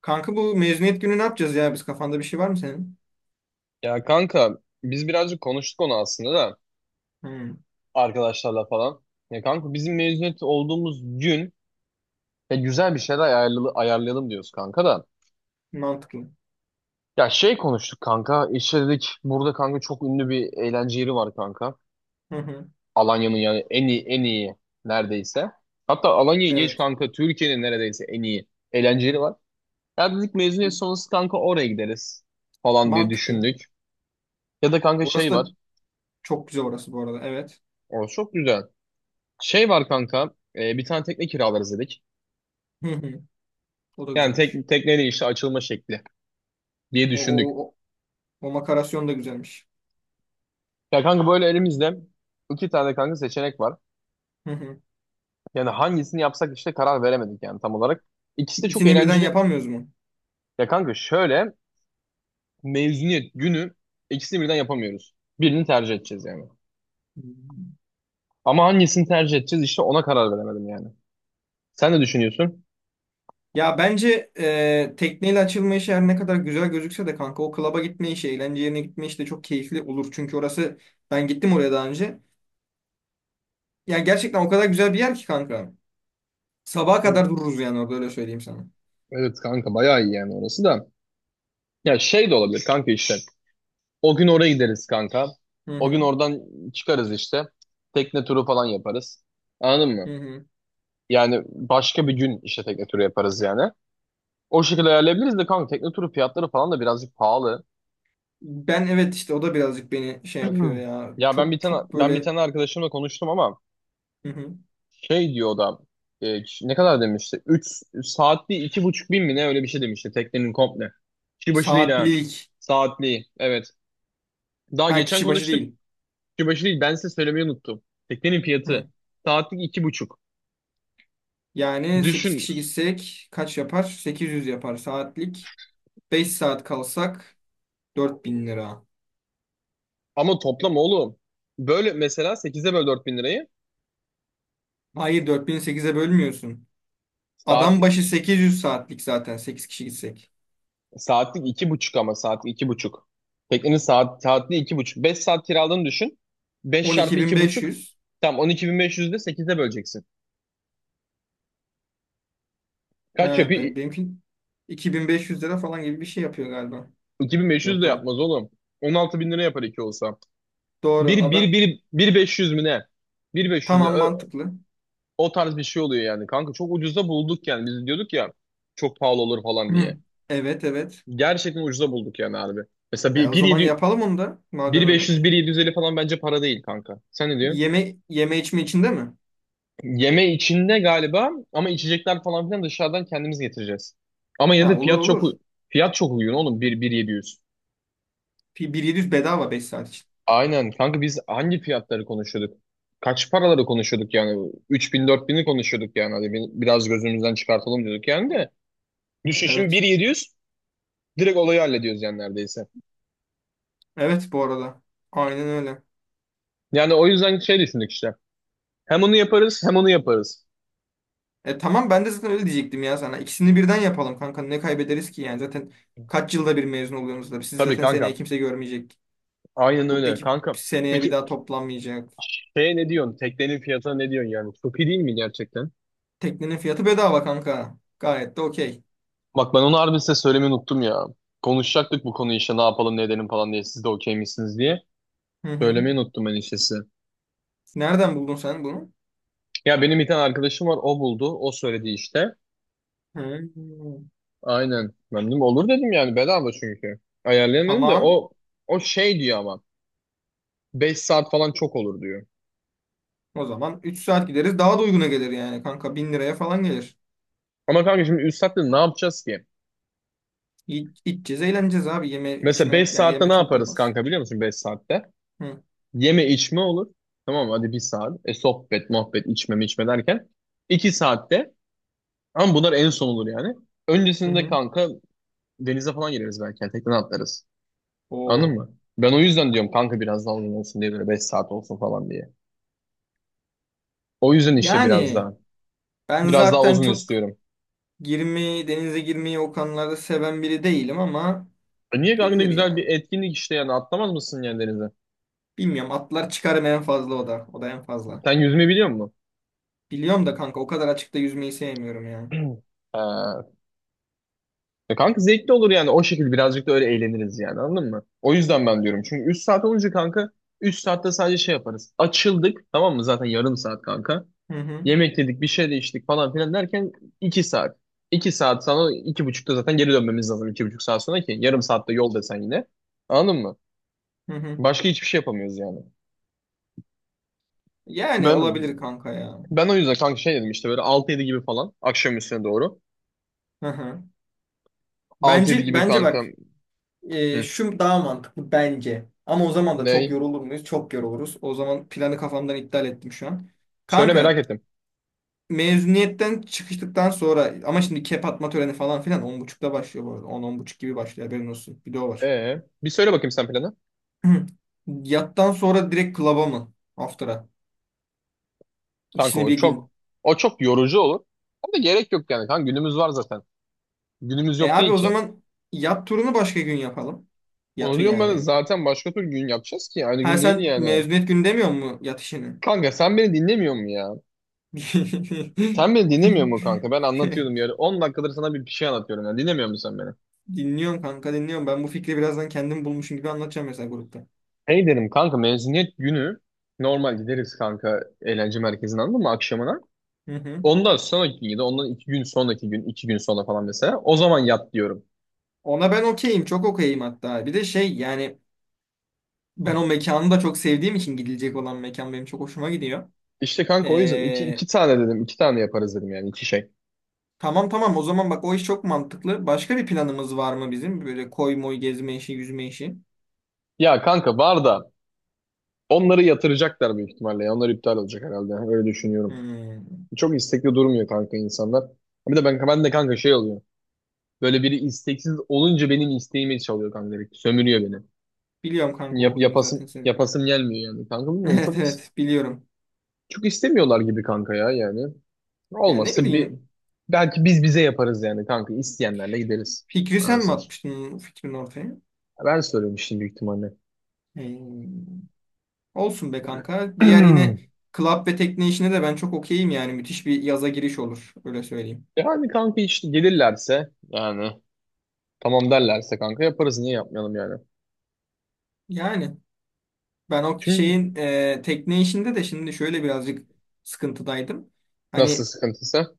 Kanka bu mezuniyet günü ne yapacağız ya? Kafanda bir şey var mı senin? Ya kanka biz birazcık konuştuk onu aslında da Hmm, arkadaşlarla falan. Ya kanka bizim mezuniyet olduğumuz gün ya güzel bir şeyler ayarlayalım diyoruz kanka da. mantıklı. Ya şey konuştuk kanka, işte dedik burada kanka çok ünlü bir eğlence yeri var kanka. Hı hı, Alanya'nın yani en iyi, en iyi neredeyse. Hatta Alanya'yı geç evet. kanka, Türkiye'nin neredeyse en iyi eğlence yeri var. Ya dedik E, mezuniyet sonrası kanka oraya gideriz falan diye mantıklı. düşündük. Ya da kanka Orası şey da var. çok güzel orası bu arada. Evet. O çok güzel. Şey var kanka, bir tane tekne kiralarız dedik. Hı hı, o da Yani güzelmiş. Tekneyle işte açılma şekli diye O, düşündük. o, o, o makarasyon da güzelmiş. Ya kanka böyle elimizde iki tane kanka seçenek var. Hı hı. Yani hangisini yapsak işte karar veremedik yani, tam olarak. İkisi de çok İkisini birden eğlenceli. yapamıyoruz mu? Ya kanka şöyle, mezuniyet günü ikisini birden yapamıyoruz. Birini tercih edeceğiz yani. Hmm. Ama hangisini tercih edeceğiz işte, ona karar veremedim yani. Sen ne düşünüyorsun? Ya bence tekneyle açılma işi her ne kadar güzel gözükse de kanka o klaba gitme işi, eğlence yerine gitme işi de çok keyifli olur. Çünkü orası ben gittim oraya daha önce. Yani gerçekten o kadar güzel bir yer ki kanka. Sabaha Evet, kadar dururuz yani orada öyle söyleyeyim sana. evet kanka, bayağı iyi yani orası da. Ya şey de olabilir kanka işte. O gün oraya gideriz kanka. Hı O gün hı, oradan çıkarız işte. Tekne turu falan yaparız. Anladın hı mı? hı. Yani başka bir gün işte tekne turu yaparız yani. O şekilde ayarlayabiliriz de kanka, tekne turu fiyatları falan da birazcık pahalı. Ben evet işte o da birazcık beni şey yapıyor ya. Ya ben bir Çok tane çok ben bir böyle tane arkadaşımla konuştum ama. hı hı. Şey diyor o da, ne kadar demişti? 3 saatli iki buçuk bin mi ne, öyle bir şey demişti teknenin komple. Kişi başı değil ha. Saatlilik. Saatli evet. Daha Ha geçen kişi başı konuştuk. değil. Kişi başı değil, ben size söylemeyi unuttum. Teknenin Hı. fiyatı saatlik iki buçuk. Yani 8 Düşün, kişi gitsek kaç yapar? Sekiz yüz yapar saatlik. Beş saat kalsak 4000 lira. ama toplam oğlum. Böyle mesela sekize böl 4000 lirayı. Hayır, 4000'i sekize bölmüyorsun. Adam Saatlik başı 800 saatlik zaten 8 kişi gitsek. saatlik iki buçuk, ama saatlik iki buçuk. Teknenin saatli iki buçuk. 5 saat kiraladığını düşün. 5 çarpı iki buçuk. 12.500. Tam on iki bin. Tamam, 12.500'de sekize böleceksin. Kaç yapıyor? Benimki 2500 lira falan gibi bir şey yapıyor galiba. 2500 de Yok lan. yapmaz oğlum. 16 bin lira yapar iki olsa. Doğru. Bir, bir, bir, bir 500 mü ne? 1500 mü ne? Tamam, mantıklı. O tarz bir şey oluyor yani. Kanka çok ucuza bulduk yani. Biz diyorduk ya çok pahalı olur falan diye. Hı. Evet, evet. Gerçekten ucuza bulduk yani harbi. Mesela E, o zaman yapalım onu da madem bir öyle. 500, bir 750 falan bence para değil kanka. Sen ne diyorsun? Yeme yeme içme içinde mi? Yeme içinde galiba, ama içecekler falan filan dışarıdan kendimiz getireceğiz. Ama yine Ha, de olur fiyat çok olur. u- fiyat çok uygun oğlum. 1700 bedava 5 saat için. Aynen kanka, biz hangi fiyatları konuşuyorduk? Kaç paraları konuşuyorduk yani? 3000 bin'i konuşuyorduk yani. Hadi biraz gözümüzden çıkartalım diyorduk yani de. Düşün şimdi Evet. 1700 direkt olayı hallediyoruz yani neredeyse. Evet bu arada. Aynen öyle. Yani o yüzden şey düşündük işte. Hem onu yaparız, hem onu yaparız. E tamam, ben de zaten öyle diyecektim ya sana. İkisini birden yapalım kanka. Ne kaybederiz ki yani zaten kaç yılda bir mezun oluyorsunuz da. Siz Tabii zaten seneye kanka. kimse görmeyecek. Aynen Bu öyle ekip kanka. seneye bir Peki daha toplanmayacak. şeye ne diyorsun? Teknenin fiyatına ne diyorsun yani? Çok iyi değil mi gerçekten? Teknenin fiyatı bedava kanka. Gayet de okey. Bak, ben onu harbi size söylemeyi unuttum ya. Konuşacaktık bu konuyu işte, ne yapalım ne edelim falan diye. Siz de okey misiniz diye. Hı hı. Söylemeyi unuttum ben işte size. Nereden buldun sen bunu? Ya benim bir tane arkadaşım var, o buldu. O söyledi işte. Hı. Aynen. Ben dedim olur dedim yani, bedava çünkü. Ayarlayamadım da, Tamam. o şey diyor ama, 5 saat falan çok olur diyor. O zaman 3 saat gideriz. Daha da uyguna gelir yani kanka. Bin liraya falan gelir. Ama kanka şimdi 3 saatte ne yapacağız ki? İçeceğiz, eğleneceğiz abi. Yeme Mesela içme 5 ya saatte ne yeme çok yaparız olmaz. kanka, biliyor musun 5 saatte? Hı Yeme içme olur. Tamam mı? Hadi bir saat. E sohbet muhabbet içme içme derken 2 saatte, ama bunlar en son olur yani. hı, Öncesinde hı. kanka denize falan gireriz belki yani, tekneden atlarız. Anladın Oo. mı? Ben o yüzden diyorum kanka, biraz daha uzun olsun diye, böyle 5 saat olsun falan diye. O yüzden işte biraz Yani daha. ben Biraz daha zaten uzun çok istiyorum. Denize girmeyi o konularda seven biri değilim ama E niye kanka, ne girilir güzel bir ya. etkinlik işte, yani atlamaz mısın yani denize? Bilmiyorum, atlar çıkarım en fazla, o da. O da en fazla. Sen yüzme biliyor musun? Biliyorum da kanka o kadar açıkta yüzmeyi sevmiyorum ya. Ee, kanka zevkli olur yani, o şekilde birazcık da öyle eğleniriz yani, anladın mı? O yüzden ben diyorum, çünkü 3 saat olunca kanka, 3 saatte sadece şey yaparız. Açıldık, tamam mı, zaten yarım saat kanka. Hı hı. Yemek yedik, bir şey de içtik falan filan derken iki saat. İki saat sonra iki buçukta zaten geri dönmemiz lazım, iki buçuk saat sonra ki. Yarım saatte yol desen yine. Anladın mı? Hı hı. Başka hiçbir şey yapamıyoruz yani. Yani Ben olabilir kanka ya. ben o yüzden kanka şey dedim işte, böyle altı yedi gibi falan akşam üstüne doğru. Hı hı. Altı yedi Bence gibi bence kanka. bak, Hı, şu daha mantıklı bence. Ama o zaman da çok ney? yorulur muyuz? Çok yoruluruz. O zaman planı kafamdan iptal ettim şu an. Söyle, merak Kanka ettim. mezuniyetten çıkıştıktan sonra ama şimdi kep atma töreni falan filan on buçukta başlıyor bu arada. On, on buçuk gibi başlıyor, haberin olsun. Bir de o var. Bir söyle bakayım sen planı. Yattan sonra direkt klaba mı? After'a. Kanka İkisini o bir çok gün. o çok yorucu olur. Ama gerek yok yani kanka, günümüz var zaten. Günümüz E yok abi, değil o ki. zaman yat turunu başka gün yapalım. Onu Yatı diyorum ben yani. zaten, başka türlü gün yapacağız ki, aynı Ha, gün değil sen yani. mezuniyet günü demiyor mu yat işini? Kanka sen beni dinlemiyor mu ya? Sen beni dinlemiyor mu kanka? Ben anlatıyordum ya. 10 dakikadır sana bir şey anlatıyorum ya. Dinlemiyor musun sen beni? Dinliyorum kanka, dinliyorum. Ben bu fikri birazdan kendim bulmuşum gibi anlatacağım mesela grupta. Hey dedim kanka, mezuniyet günü normal gideriz kanka eğlence merkezine, anladın mı, akşamına? Hı hı. Ondan sonraki gün ya da ondan iki gün sonraki gün, iki gün sonra falan mesela. O zaman yat diyorum. Ona ben okeyim. Çok okeyim hatta. Bir de şey yani, ben o mekanı da çok sevdiğim için gidilecek olan mekan benim çok hoşuma gidiyor. İşte kanka o yüzden iki, Ee, iki tane dedim, iki tane yaparız dedim yani, iki şey. tamam tamam, o zaman bak o iş çok mantıklı. Başka bir planımız var mı bizim? Böyle koy moy gezme işi, yüzme işi. Ya kanka var da onları yatıracaklar büyük ihtimalle, ya. Onlar iptal olacak herhalde. Öyle düşünüyorum. Hmm. Çok istekli durmuyor kanka insanlar. Bir de ben de kanka şey oluyor. Böyle biri isteksiz olunca benim isteğimi çalıyor kanka direkt. Sömürüyor beni. Biliyorum kanka Yap, o huyunu zaten yapasım, senin. yapasım gelmiyor yani. Kanka bilmiyorum, Evet evet, biliyorum. çok istemiyorlar gibi kanka ya yani. Yani ne Olmazsa bir, bileyim, belki biz bize yaparız yani kanka, isteyenlerle gideriz. fikri sen mi Anasını satayım. atmıştın, fikrin ortaya? Ben soruyorum şimdi büyük ihtimalle. Hmm. Olsun be kanka. Diğer, yine club ve tekne işine de ben çok okeyim yani. Müthiş bir yaza giriş olur. Öyle söyleyeyim. Yani kanka işte gelirlerse yani, tamam derlerse kanka yaparız, niye yapmayalım yani. Yani ben o Çünkü. şeyin tekne işinde de şimdi şöyle birazcık sıkıntıdaydım. Nasıl Hani, sıkıntısı?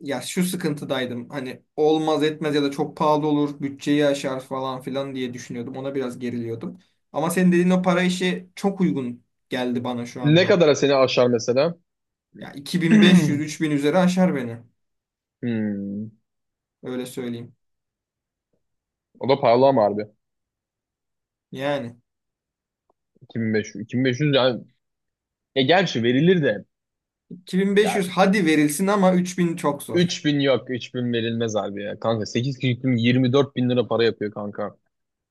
ya şu sıkıntıdaydım. Hani olmaz etmez ya da çok pahalı olur. Bütçeyi aşar falan filan diye düşünüyordum. Ona biraz geriliyordum. Ama senin dediğin o para işi çok uygun geldi bana şu Ne anda. kadara seni aşar mesela? Ya 2500-3000 üzeri aşar beni. Hmm. Öyle söyleyeyim. O da pahalı ama harbi. Yani. 2500. 2500 yani. Ya gerçi verilir de. 2500 Yani hadi verilsin ama 3000 çok zor. 3000 yok. 3000 verilmez harbi ya. Kanka 8 kişi 24 bin lira para yapıyor kanka.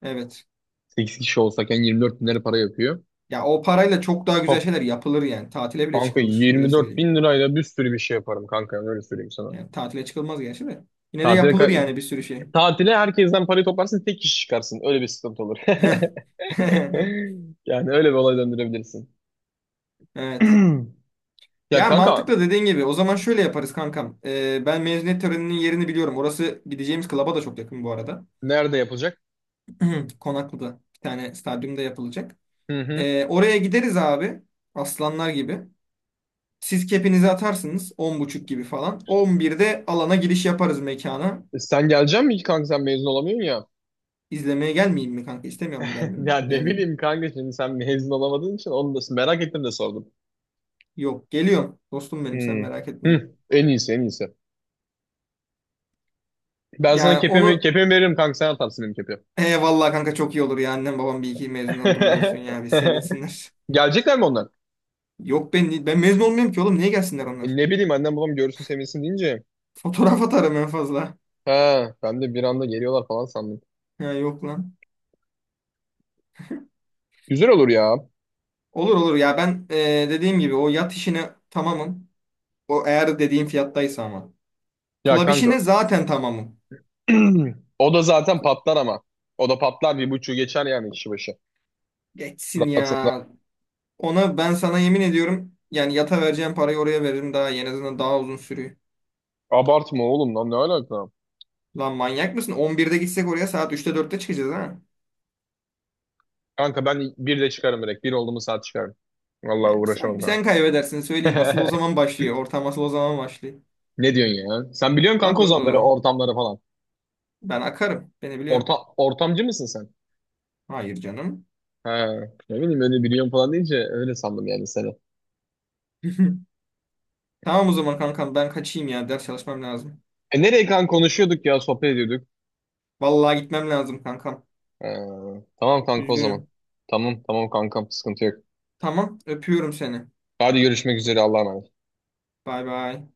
Evet. 8 kişi olsak yani 24 bin lira para yapıyor. Ya o parayla çok daha güzel Çok. şeyler yapılır yani. Tatile bile Kanka çıkılır. Öyle 24 söyleyeyim. bin lirayla bir sürü bir şey yaparım kanka, yani. Öyle söyleyeyim sana. Yani tatile çıkılmaz gerçi de. Yine de Tatile, yapılır ka- yani bir sürü şey. tatile herkesten parayı toplarsın, tek kişi çıkarsın. Öyle bir sıkıntı olur. Yani öyle bir olay döndürebilirsin. Evet. Ya Ya kanka, mantıklı dediğin gibi. O zaman şöyle yaparız kankam. Ben mezuniyet töreninin yerini biliyorum. Orası gideceğimiz klaba da çok yakın bu arada. nerede yapılacak? Konaklı'da. Bir tane stadyumda yapılacak. Hı hı. Oraya gideriz abi. Aslanlar gibi. Siz kepinizi atarsınız on buçuk gibi falan. On birde alana giriş yaparız mekana. E sen geleceksin mi ki kanka, sen mezun olamıyorsun ya? İzlemeye gelmeyeyim mi kanka? İstemiyor mu gelmemi? Ya ne Gelmemi. bileyim kanka, şimdi sen mezun olamadığın için onu da merak ettim de sordum. Yok, geliyorum. Dostum Hı. benim, sen merak etme. Hı. En iyisi, en iyisi. Ben sana Yani kepimi, onu, kepimi veririm kanka, sen atarsın benim kepi. he vallahi kanka çok iyi olur ya. Annem babam bir iki mezun olduğumu görsün ya. Bir sevinsinler. Gelecekler mi onlar? Yok, ben mezun olmuyorum ki oğlum. Niye gelsinler E onlar? ne bileyim, annem babam görürsün sevinsin deyince. Fotoğraf atarım en fazla. Ha, ben de bir anda geliyorlar falan sandım. Ya yok lan. Güzel olur ya. Olur olur ya ben, dediğim gibi o yat işine tamamım. O eğer dediğim fiyattaysa ama. Ya Klab kanka, işine zaten tamamım. o da zaten patlar ama. O da patlar, bir buçuğu geçer yani kişi başı. Geçsin Rahatında. ya. Ona ben sana yemin ediyorum yani, yata vereceğim parayı oraya veririm daha iyi. En azından daha uzun sürüyor. Abartma oğlum lan, ne alaka? Lan manyak mısın? 11'de gitsek oraya saat 3'te 4'te çıkacağız ha. Kanka ben bir de çıkarım direkt. Bir oldu mu saat çıkarım. Vallahi Yani uğraşamam sen kaybedersin söyleyeyim. Asıl o kanka. zaman başlıyor. Ortam asıl o zaman başlıyor. Ne diyorsun ya? Sen biliyorsun kanka Tabii o zaman böyle oğlum. ortamları falan. Ben akarım. Beni biliyorsun. Ortamcı mısın sen? Hayır canım. He, ne bileyim, öyle biliyorum falan deyince öyle sandım yani seni. Tamam o zaman kankam, ben kaçayım ya. Ders çalışmam lazım. E nereye kanka, konuşuyorduk ya, sohbet ediyorduk. Vallahi gitmem lazım kankam. He, tamam kanka o zaman. Üzgünüm. Tamam, tamam kankam, sıkıntı yok. Tamam, öpüyorum seni. Hadi görüşmek üzere, Allah'a emanet. Bay bay.